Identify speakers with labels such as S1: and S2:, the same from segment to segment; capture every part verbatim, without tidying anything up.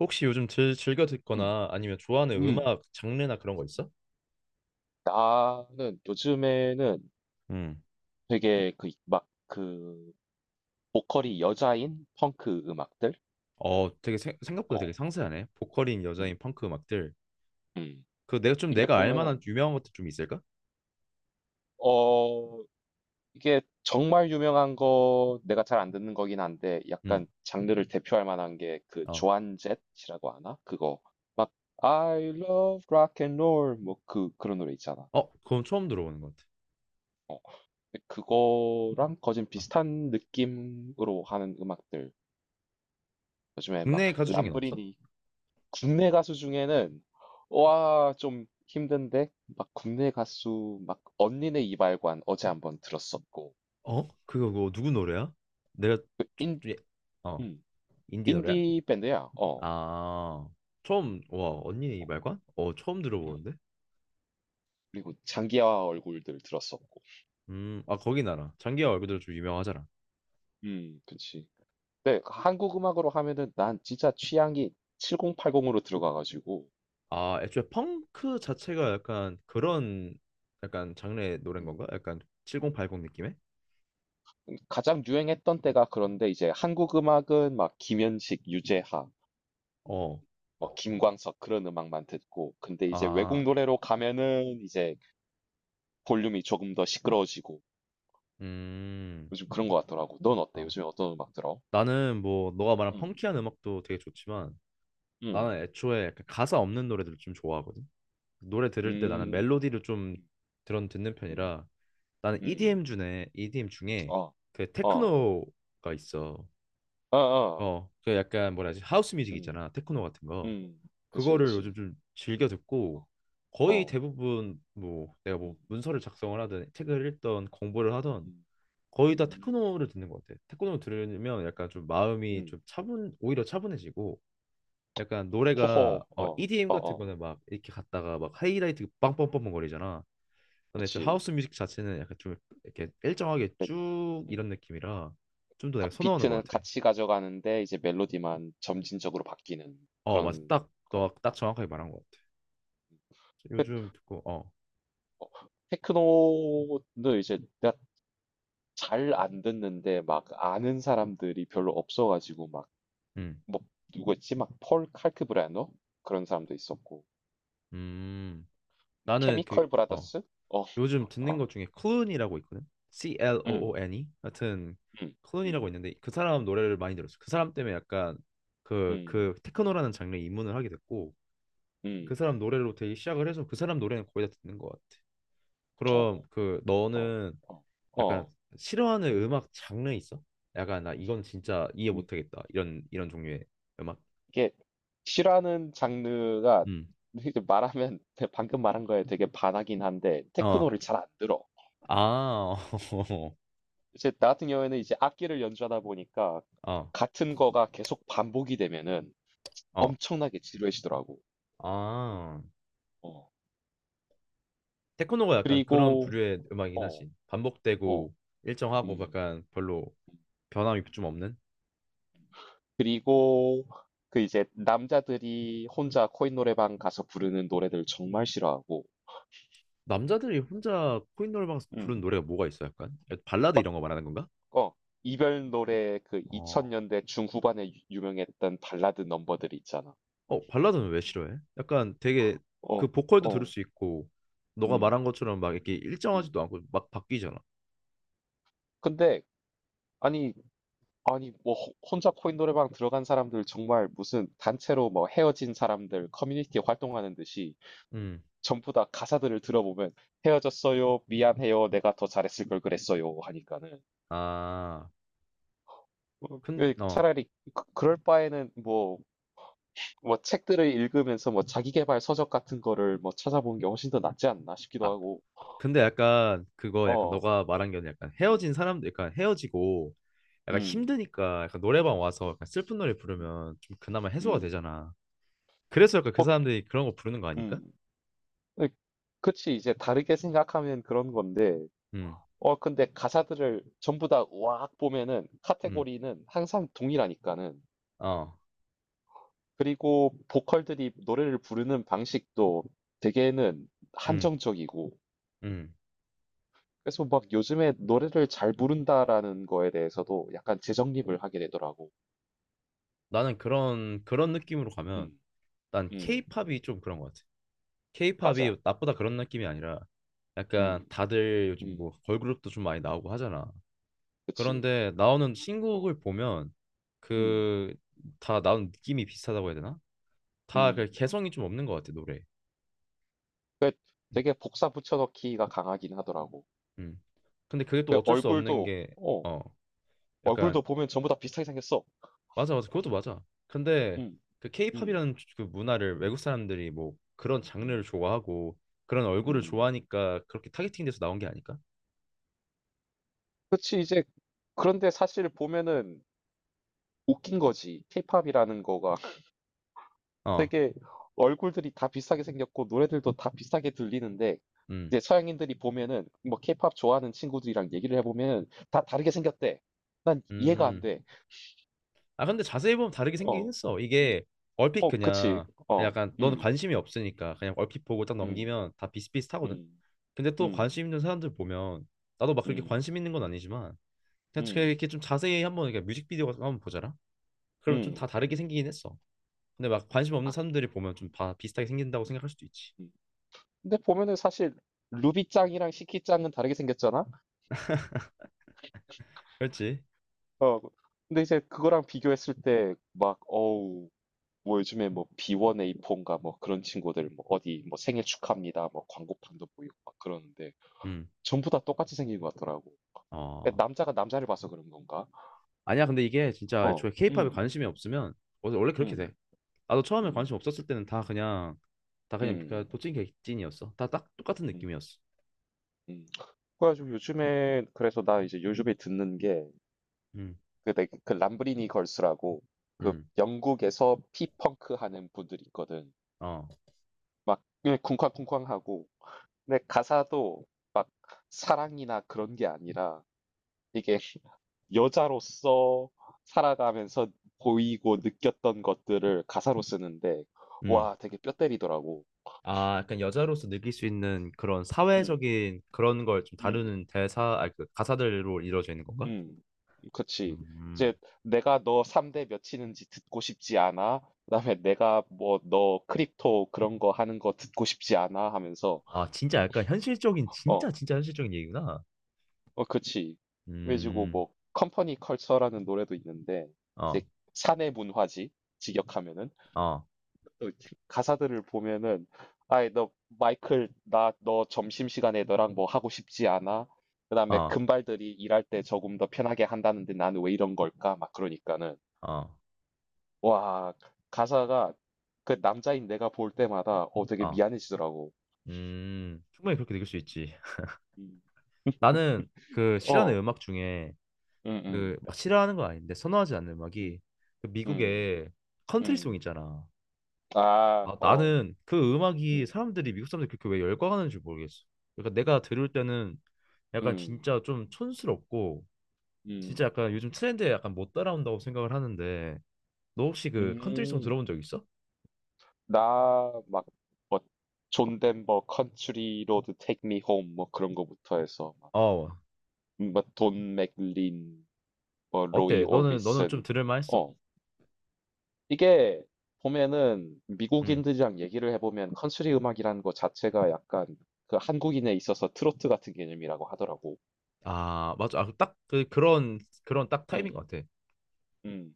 S1: 혹시 요즘 즐, 즐겨
S2: 음.
S1: 듣거나 아니면 좋아하는
S2: 음.
S1: 음악 장르나 그런 거 있어?
S2: 음. 나는 요즘에는 음.
S1: 음.
S2: 되게 그, 막, 그, 보컬이 여자인 펑크 음악들?
S1: 어, 되게 세- 생각보다
S2: 어,
S1: 되게 상세하네. 보컬인
S2: 음.
S1: 여자인 펑크 음악들.
S2: 음.
S1: 그 내가 좀
S2: 이게
S1: 내가 알 만한
S2: 보면은,
S1: 유명한 것들 좀 있을까?
S2: 어, 이게 정말 유명한 거, 내가 잘 안 듣는 거긴 한데,
S1: 음.
S2: 약간 장르를 대표할 만한 게 그
S1: 어.
S2: 조안jet이라고 하나? 그거. 막, I love rock and roll. 뭐, 그, 그런 노래 있잖아.
S1: 어, 그건 처음 들어보는 것 같아.
S2: 어, 그거랑 거진
S1: 어.
S2: 비슷한 느낌으로 하는 음악들. 요즘에 막
S1: 국내 가수 중엔 없어?
S2: 람브리니 국내 가수 중에는 와, 좀 힘든데 막 국내 가수 막 언니네 이발관 어제 한번 들었었고
S1: 어? 그거 그거 누구 노래야? 내가 좀,
S2: 그 인,
S1: 좀 예- 어,
S2: 음,
S1: 인디 노래야?
S2: 인디 밴드야. 어.
S1: 아. 처음 와, 언니 이 말관? 어, 처음
S2: 음.
S1: 들어보는데.
S2: 그리고 장기하 얼굴들 들었었고.
S1: 음. 아, 거기 나라. 장기하 얼굴들 좀 유명하잖아.
S2: 음, 그치. 근데 그 한국 음악으로 하면은 난 진짜 취향이 칠공팔공으로 들어가가지고
S1: 아, 애초에 펑크 자체가 약간 그런 약간 장르의 노래인
S2: 음.
S1: 건가? 약간 칠공팔공 느낌의?
S2: 가장 유행했던 때가 그런데 이제 한국 음악은 막 김현식, 유재하
S1: 어.
S2: 뭐 김광석 그런 음악만 듣고 근데 이제
S1: 아,
S2: 외국 노래로 가면은 이제 볼륨이 조금 더 시끄러워지고
S1: 음.
S2: 요즘 그런 것 같더라고. 넌 어때?
S1: 아,
S2: 요즘에 어떤 음악 들어?
S1: 나는 뭐 너가 말한
S2: 음,
S1: 펑키한 음악도 되게 좋지만
S2: 음,
S1: 나는 애초에 약간 가사 없는 노래들을 좀 좋아하거든. 노래 들을 때 나는
S2: 음,
S1: 멜로디를 좀
S2: 음,
S1: 들은 듣는
S2: 음,
S1: 편이라 나는
S2: 음.
S1: 이디엠 중에 이디엠 중에
S2: 어,
S1: 그
S2: 어,
S1: 테크노가 있어.
S2: 어, 어,
S1: 어, 그 약간 뭐라 하지? 하우스 뮤직
S2: 음,
S1: 있잖아. 테크노 같은 거.
S2: 음, 그치,
S1: 그거를
S2: 그치.
S1: 요즘 좀 즐겨 듣고
S2: 어,
S1: 거의
S2: 어,
S1: 대부분 뭐 내가 뭐
S2: 음,
S1: 문서를 작성을 하든 책을 읽던 공부를 하던
S2: 음,
S1: 거의 다
S2: 음,
S1: 테크노를 듣는 것 같아. 테크노를 들으면 약간 좀 마음이 좀
S2: 음.
S1: 차분 오히려 차분해지고 약간 노래가
S2: 호호,
S1: 어,
S2: 어,
S1: 이디엠
S2: 어,
S1: 같은
S2: 어,
S1: 거는 막 이렇게 갔다가 막 하이라이트 빵빵빵빵 거리잖아. 근데 좀
S2: 그치.
S1: 하우스 뮤직 자체는 약간 좀 이렇게 일정하게
S2: 그,
S1: 쭉
S2: 음.
S1: 이런 느낌이라 좀 더
S2: 가-
S1: 내가 선호하는 것
S2: 비트는
S1: 같아.
S2: 같이 가져가는데 이제 멜로디만 점진적으로 바뀌는
S1: 어,
S2: 그런
S1: 맞아. 딱
S2: 건. 그
S1: 너 딱 정확하게 말한 것 같아. 요즘 듣고 어.
S2: 어, 테크노는 이제 내가 잘 안 듣는데 막 아는 사람들이 별로 없어가지고 막
S1: 음.
S2: 뭐 누구였지? 막 폴 칼크 브래너 그런 사람도 있었고
S1: 음.
S2: 뭐
S1: 나는 그
S2: 케미컬
S1: 어,
S2: 브라더스? 어,
S1: 요즘 듣는
S2: 어,
S1: 것 중에 클룬이라고 있거든. C L O
S2: 음,
S1: O N 이 하여튼
S2: 음,
S1: 클룬이라고
S2: 음,
S1: 있는데 그 사람 노래를 많이 들었어. 그 사람 때문에 약간 그
S2: 음,
S1: 그 테크노라는 장르에 입문을 하게 됐고 그
S2: 음,
S1: 사람 노래로 되게 시작을 해서 그 사람 노래는 거의 다 듣는 것 같아.
S2: 어,
S1: 그럼 그
S2: 어,
S1: 너는
S2: 어,
S1: 약간
S2: 어,
S1: 싫어하는 음악 장르 있어? 약간 나 이건 진짜 이해
S2: 음.
S1: 못하겠다 이런 이런 종류의 음악.
S2: 이게 싫어하는 장르가
S1: 음.
S2: 이제 말하면 방금 말한 거에 되게 반하긴 한데
S1: 어.
S2: 테크노를 잘 안 들어.
S1: 아.
S2: 이제 나 같은 경우에는 이제 악기를 연주하다 보니까
S1: 어.
S2: 같은 거가 계속 반복이 되면은
S1: 어.
S2: 엄청나게 지루해지더라고.
S1: 아.
S2: 어.
S1: 테크노가 약간 그런
S2: 그리고
S1: 부류의 음악이긴
S2: 어.
S1: 하지.
S2: 어.
S1: 반복되고 일정하고
S2: 음.
S1: 약간 별로
S2: 음.
S1: 변함이 좀 없는.
S2: 그리고 그 이제 남자들이 혼자 코인 노래방 가서 부르는 노래들 정말 싫어하고.
S1: 남자들이 혼자 코인노래방에서 부른
S2: 음.
S1: 노래가 뭐가 있어? 약간 발라드 이런 거 말하는 건가?
S2: 어. 이별 노래 그
S1: 어,
S2: 이천 년대 중후반에 유- 유명했던 발라드 넘버들 있잖아.
S1: 어 발라드는 왜 싫어해? 약간 되게
S2: 어.
S1: 그 보컬도 들을
S2: 어.
S1: 수 있고 너가
S2: 음.
S1: 말한 것처럼 막 이렇게
S2: 음.
S1: 일정하지도 않고 막 바뀌잖아.
S2: 근데 아니 아니 뭐 호- 혼자 코인 노래방 들어간 사람들 정말 무슨 단체로 뭐 헤어진 사람들 커뮤니티 활동하는 듯이
S1: 음,
S2: 전부 다 가사들을 들어보면 헤어졌어요 미안해요 내가 더 잘했을 걸 그랬어요 하니까는
S1: 아,
S2: 어,
S1: 큰,
S2: 그
S1: 어,
S2: 차라리 그- 그럴 바에는 뭐 뭐 책들을 읽으면서 뭐 자기계발 서적 같은 거를 뭐 찾아보는 게 훨씬 더 낫지 않나 싶기도
S1: 아,
S2: 하고
S1: 근데 약간 그거 약간
S2: 어
S1: 너가 말한 게 약간
S2: 음,
S1: 헤어진 사람들 약간 헤어지고 약간
S2: 음,
S1: 힘드니까 약간 노래방 와서
S2: 음,
S1: 약간 슬픈 노래
S2: 음,
S1: 부르면 좀 그나마 해소가
S2: 음.
S1: 되잖아. 그래서 약간 그 사람들이 그런 거 부르는 거 아닐까?
S2: 음. 그치 이제 다르게 생각하면 그런 건데
S1: 음,
S2: 어 근데 가사들을 전부 다 와악 보면은
S1: 음,
S2: 카테고리는 항상 동일하니까는
S1: 어,
S2: 그리고 보컬들이 노래를 부르는 방식도 되게는
S1: 음,
S2: 한정적이고
S1: 음.
S2: 그래서 막 요즘에 노래를 잘 부른다라는 거에 대해서도 약간 재정립을 하게 되더라고.
S1: 나는 그런 그런 느낌으로 가면
S2: 음,
S1: 난
S2: 음,
S1: 케이팝이 좀 그런 것 같아.
S2: 맞아.
S1: 케이팝이 나보다 그런 느낌이 아니라 약간
S2: 음,
S1: 다들 요즘 뭐
S2: 음,
S1: 걸그룹도 좀 많이 나오고 하잖아.
S2: 그치.
S1: 그런데 나오는
S2: 어,
S1: 신곡을 보면
S2: 음,
S1: 그 다 나오는 느낌이 비슷하다고 해야 되나? 다
S2: 음.
S1: 그 개성이 좀 없는 것 같아 노래. 음.
S2: 되게 복사 붙여넣기가 강하긴 하더라고.
S1: 음. 근데 그게 또
S2: 그
S1: 어쩔 수 없는
S2: 얼굴도,
S1: 게
S2: 어,
S1: 어 약간
S2: 얼굴도 보면 전부 다 비슷하게 생겼어.
S1: 맞아, 맞아, 그것도 맞아. 근데
S2: 음,
S1: 그
S2: 음,
S1: 케이팝이라는 그 문화를 외국 사람들이 뭐 그런
S2: 음.
S1: 장르를 좋아하고 그런 얼굴을
S2: 음.
S1: 좋아하니까 그렇게 타겟팅돼서 나온 게 아닐까?
S2: 그치. 이제 그런데 사실 보면은 웃긴 거지. 케이팝이라는 거가
S1: 어.
S2: 되게 얼굴들이 다 비슷하게 생겼고 노래들도 다 비슷하게 들리는데
S1: 음.
S2: 이제 서양인들이 보면은 뭐 케이팝 좋아하는 친구들이랑 얘기를 해보면 다 다르게 생겼대. 난 이해가 안
S1: 음.
S2: 돼.
S1: 아 근데 자세히 보면 다르게 생기긴
S2: 어,
S1: 했어. 이게 얼핏
S2: 어, 그치.
S1: 그냥 그냥
S2: 어,
S1: 약간 넌
S2: 음,
S1: 관심이 없으니까 그냥 얼핏 보고 딱
S2: 음,
S1: 넘기면 다 비슷비슷하거든.
S2: 음,
S1: 근데 또
S2: 음,
S1: 관심 있는 사람들 보면 나도 막 그렇게
S2: 음,
S1: 관심 있는 건 아니지만 그냥 그냥
S2: 음,
S1: 이렇게 좀 자세히 한번 이렇게 뮤직비디오 같은 거 한번 보자라. 그러면 좀
S2: 음.
S1: 다 다르게 생기긴 했어. 근데 막 관심 없는 사람들이 보면 좀 다 비슷하게 생긴다고 생각할 수도 있지.
S2: 음. 근데 보면은 사실 루비짱이랑 시키짱은 다르게 생겼잖아?
S1: 그렇지?
S2: 어, 근데 이제 그거랑 비교했을 때 막 어우 뭐 요즘에 뭐 비원에이포인가 뭐 그런 친구들 뭐 어디 뭐 생일 축하합니다 뭐 광고판도 보이고 막 그러는데
S1: 음.
S2: 전부 다 똑같이 생긴 것 같더라고.
S1: 어.
S2: 그러니까 남자가 남자를 봐서 그런 건가?
S1: 아니야 근데 이게 진짜
S2: 어,
S1: 애초에 케이팝에
S2: 음,
S1: 관심이 없으면 원래 원래 그렇게 돼.
S2: 음,
S1: 나도 처음에
S2: 음,
S1: 관심 없었을 때는 다 그냥 다 그냥 그냥
S2: 음,
S1: 도찐 객찐이었어. 다 딱 똑같은
S2: 음,
S1: 느낌이었어.
S2: 음. 그래가지고 요즘에 그래서 나 이제 요즘에 듣는
S1: 음,
S2: 게그그 람브리니 걸스라고 그
S1: 음,
S2: 영국에서 피펑크 하는 분들이 있거든.
S1: 어,
S2: 막 그냥 쿵쾅쿵쾅하고 근데 가사도 막 사랑이나 그런 게 아니라 이게 여자로서 살아가면서 보이고 느꼈던 것들을 가사로 쓰는데
S1: 음.
S2: 와 되게 뼈 때리더라고.
S1: 아, 약간 여자로서 느낄 수 있는 그런
S2: 음,
S1: 사회적인 그런 걸 좀
S2: 음,
S1: 다루는 대사, 아, 그 가사들로 이루어져 있는 건가?
S2: 음. 그치.
S1: 음.
S2: 이제 내가 너 삼대 몇이는지 듣고 싶지 않아. 그다음에 내가 뭐 너 크립토 그런 거 하는 거 듣고 싶지 않아 하면서
S1: 아, 진짜 약간 현실적인,
S2: 어,
S1: 진짜 진짜 현실적인 얘기구나.
S2: 어, 그치. 그래가지고
S1: 음,
S2: 뭐 컴퍼니 컬처라는 노래도 있는데 이제
S1: 어,
S2: 사내 문화지 직역하면은
S1: 어,
S2: 또 가사들을 보면은 아이 너 마이클 나 너 점심시간에 너랑 뭐 하고 싶지 않아? 그다음에
S1: 어,
S2: 금발들이 일할 때 조금 더 편하게 한다는데 나는 왜 이런 걸까? 막 그러니까는
S1: 어,
S2: 와 가사가 그 남자인 내가 볼 때마다 어 되게
S1: 어.
S2: 미안해지더라고.
S1: 음, 충분히 그렇게 느낄 수 있지.
S2: 음.
S1: 나는 그 실현의
S2: 어,
S1: 음악 중에
S2: 음,
S1: 그
S2: 음,
S1: 막 싫어하는 건 아닌데 선호하지 않는 음악이
S2: 음,
S1: 그
S2: 음,
S1: 미국의 컨트리송
S2: 음.
S1: 있잖아.
S2: 아,
S1: 아,
S2: 어.
S1: 나는 그 음악이
S2: 음.
S1: 사람들이 미국 사람들이 그렇게 왜 열광하는지 모르겠어. 그러니까 내가 들을 때는 약간
S2: 음.
S1: 진짜 좀 촌스럽고 진짜
S2: 음.
S1: 약간 요즘 트렌드에 약간 못 따라온다고 생각을 하는데 너 혹시 그 컨트리송
S2: 음.
S1: 들어본 적 있어?
S2: 나 막 뭐 존 덴버 컨트리 로드 테이크 미 홈 뭐 그런 거부터 해서 막
S1: 어,
S2: 음, 뭐 돈 맥린 뭐 로이
S1: 어때? 너는 너는 좀
S2: 오비슨
S1: 들을 만했어?
S2: 어 이게 보면은
S1: 응.
S2: 미국인들이랑 얘기를 해보면 컨트리 음악이라는 것 자체가 약간 그 한국인에 있어서 트로트 같은 개념이라고 하더라고.
S1: 아 맞아. 아, 딱 그, 그런 그런 딱 타입인
S2: 음.
S1: 것 같아.
S2: 음.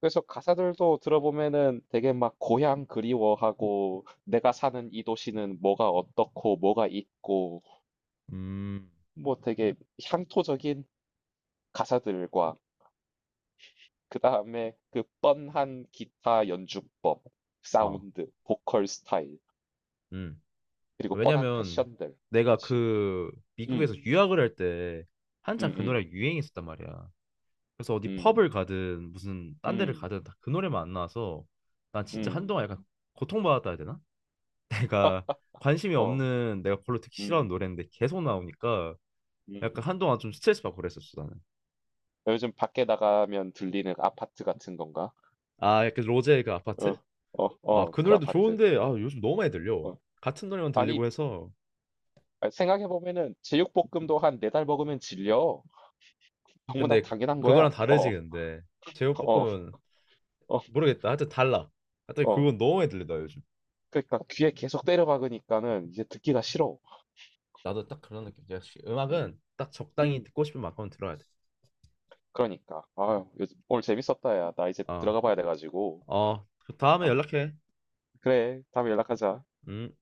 S2: 그래서 가사들도 들어보면은 되게 막 고향 그리워하고 내가 사는 이 도시는 뭐가 어떻고 뭐가 있고
S1: 음.
S2: 뭐 되게 향토적인 가사들과 그 다음에 그 뻔한 기타 연주법,
S1: 어.
S2: 사운드, 보컬 스타일
S1: 음.
S2: 그리고 뻔한
S1: 왜냐면
S2: 패션들
S1: 내가
S2: 그치?
S1: 그 미국에서
S2: 음,
S1: 유학을 할 때 한창
S2: 음,
S1: 그 노래가
S2: 음,
S1: 유행했었단 말이야. 그래서 어디
S2: 음,
S1: 펍을 가든 무슨 딴 데를
S2: 음,
S1: 가든 다 그 노래만 안 나와서 난 진짜
S2: 음,
S1: 한동안 약간 고통받았다 해야 되나? 내가 관심이
S2: 어,
S1: 없는 내가 별로 듣기 싫어하는
S2: 음,
S1: 노래인데 계속 나오니까 약간
S2: 음.
S1: 한동안 좀 스트레스 받고 그랬었어 나는.
S2: 요즘 밖에 나가면 들리는 아파트 같은 건가?
S1: 아 약간 로제의 그 아파트?
S2: 어, 어,
S1: 아
S2: 어,
S1: 그
S2: 그
S1: 노래도
S2: 아파트.
S1: 좋은데 아 요즘 너무 많이 들려.
S2: 어.
S1: 같은 노래만
S2: 아니,
S1: 들리고 해서
S2: 아, 생각해 보면은 제육볶음도 한 네 달 먹으면 질려. 너무나
S1: 근데 그-
S2: 당연한
S1: 그거랑
S2: 거야.
S1: 다르지
S2: 어,
S1: 근데
S2: 어,
S1: 제육볶음은
S2: 어,
S1: 모르겠다. 하여튼 달라. 하여튼
S2: 어.
S1: 그건 너무 많이 들리다 요즘.
S2: 그러니까 귀에 계속 때려박으니까는 이제 듣기가 싫어.
S1: 나도 딱 그런 느낌. 역시
S2: 음,
S1: 음악은 딱 적당히
S2: 음,
S1: 듣고 싶은 만큼 들어야 돼.
S2: 그러니까. 아유, 요즘- 오늘 재밌었다, 야. 나 이제
S1: 어,
S2: 들어가 봐야 돼가지고.
S1: 어, 그 다음에
S2: 아,
S1: 연락해.
S2: 그래. 다음에 연락하자.
S1: 음.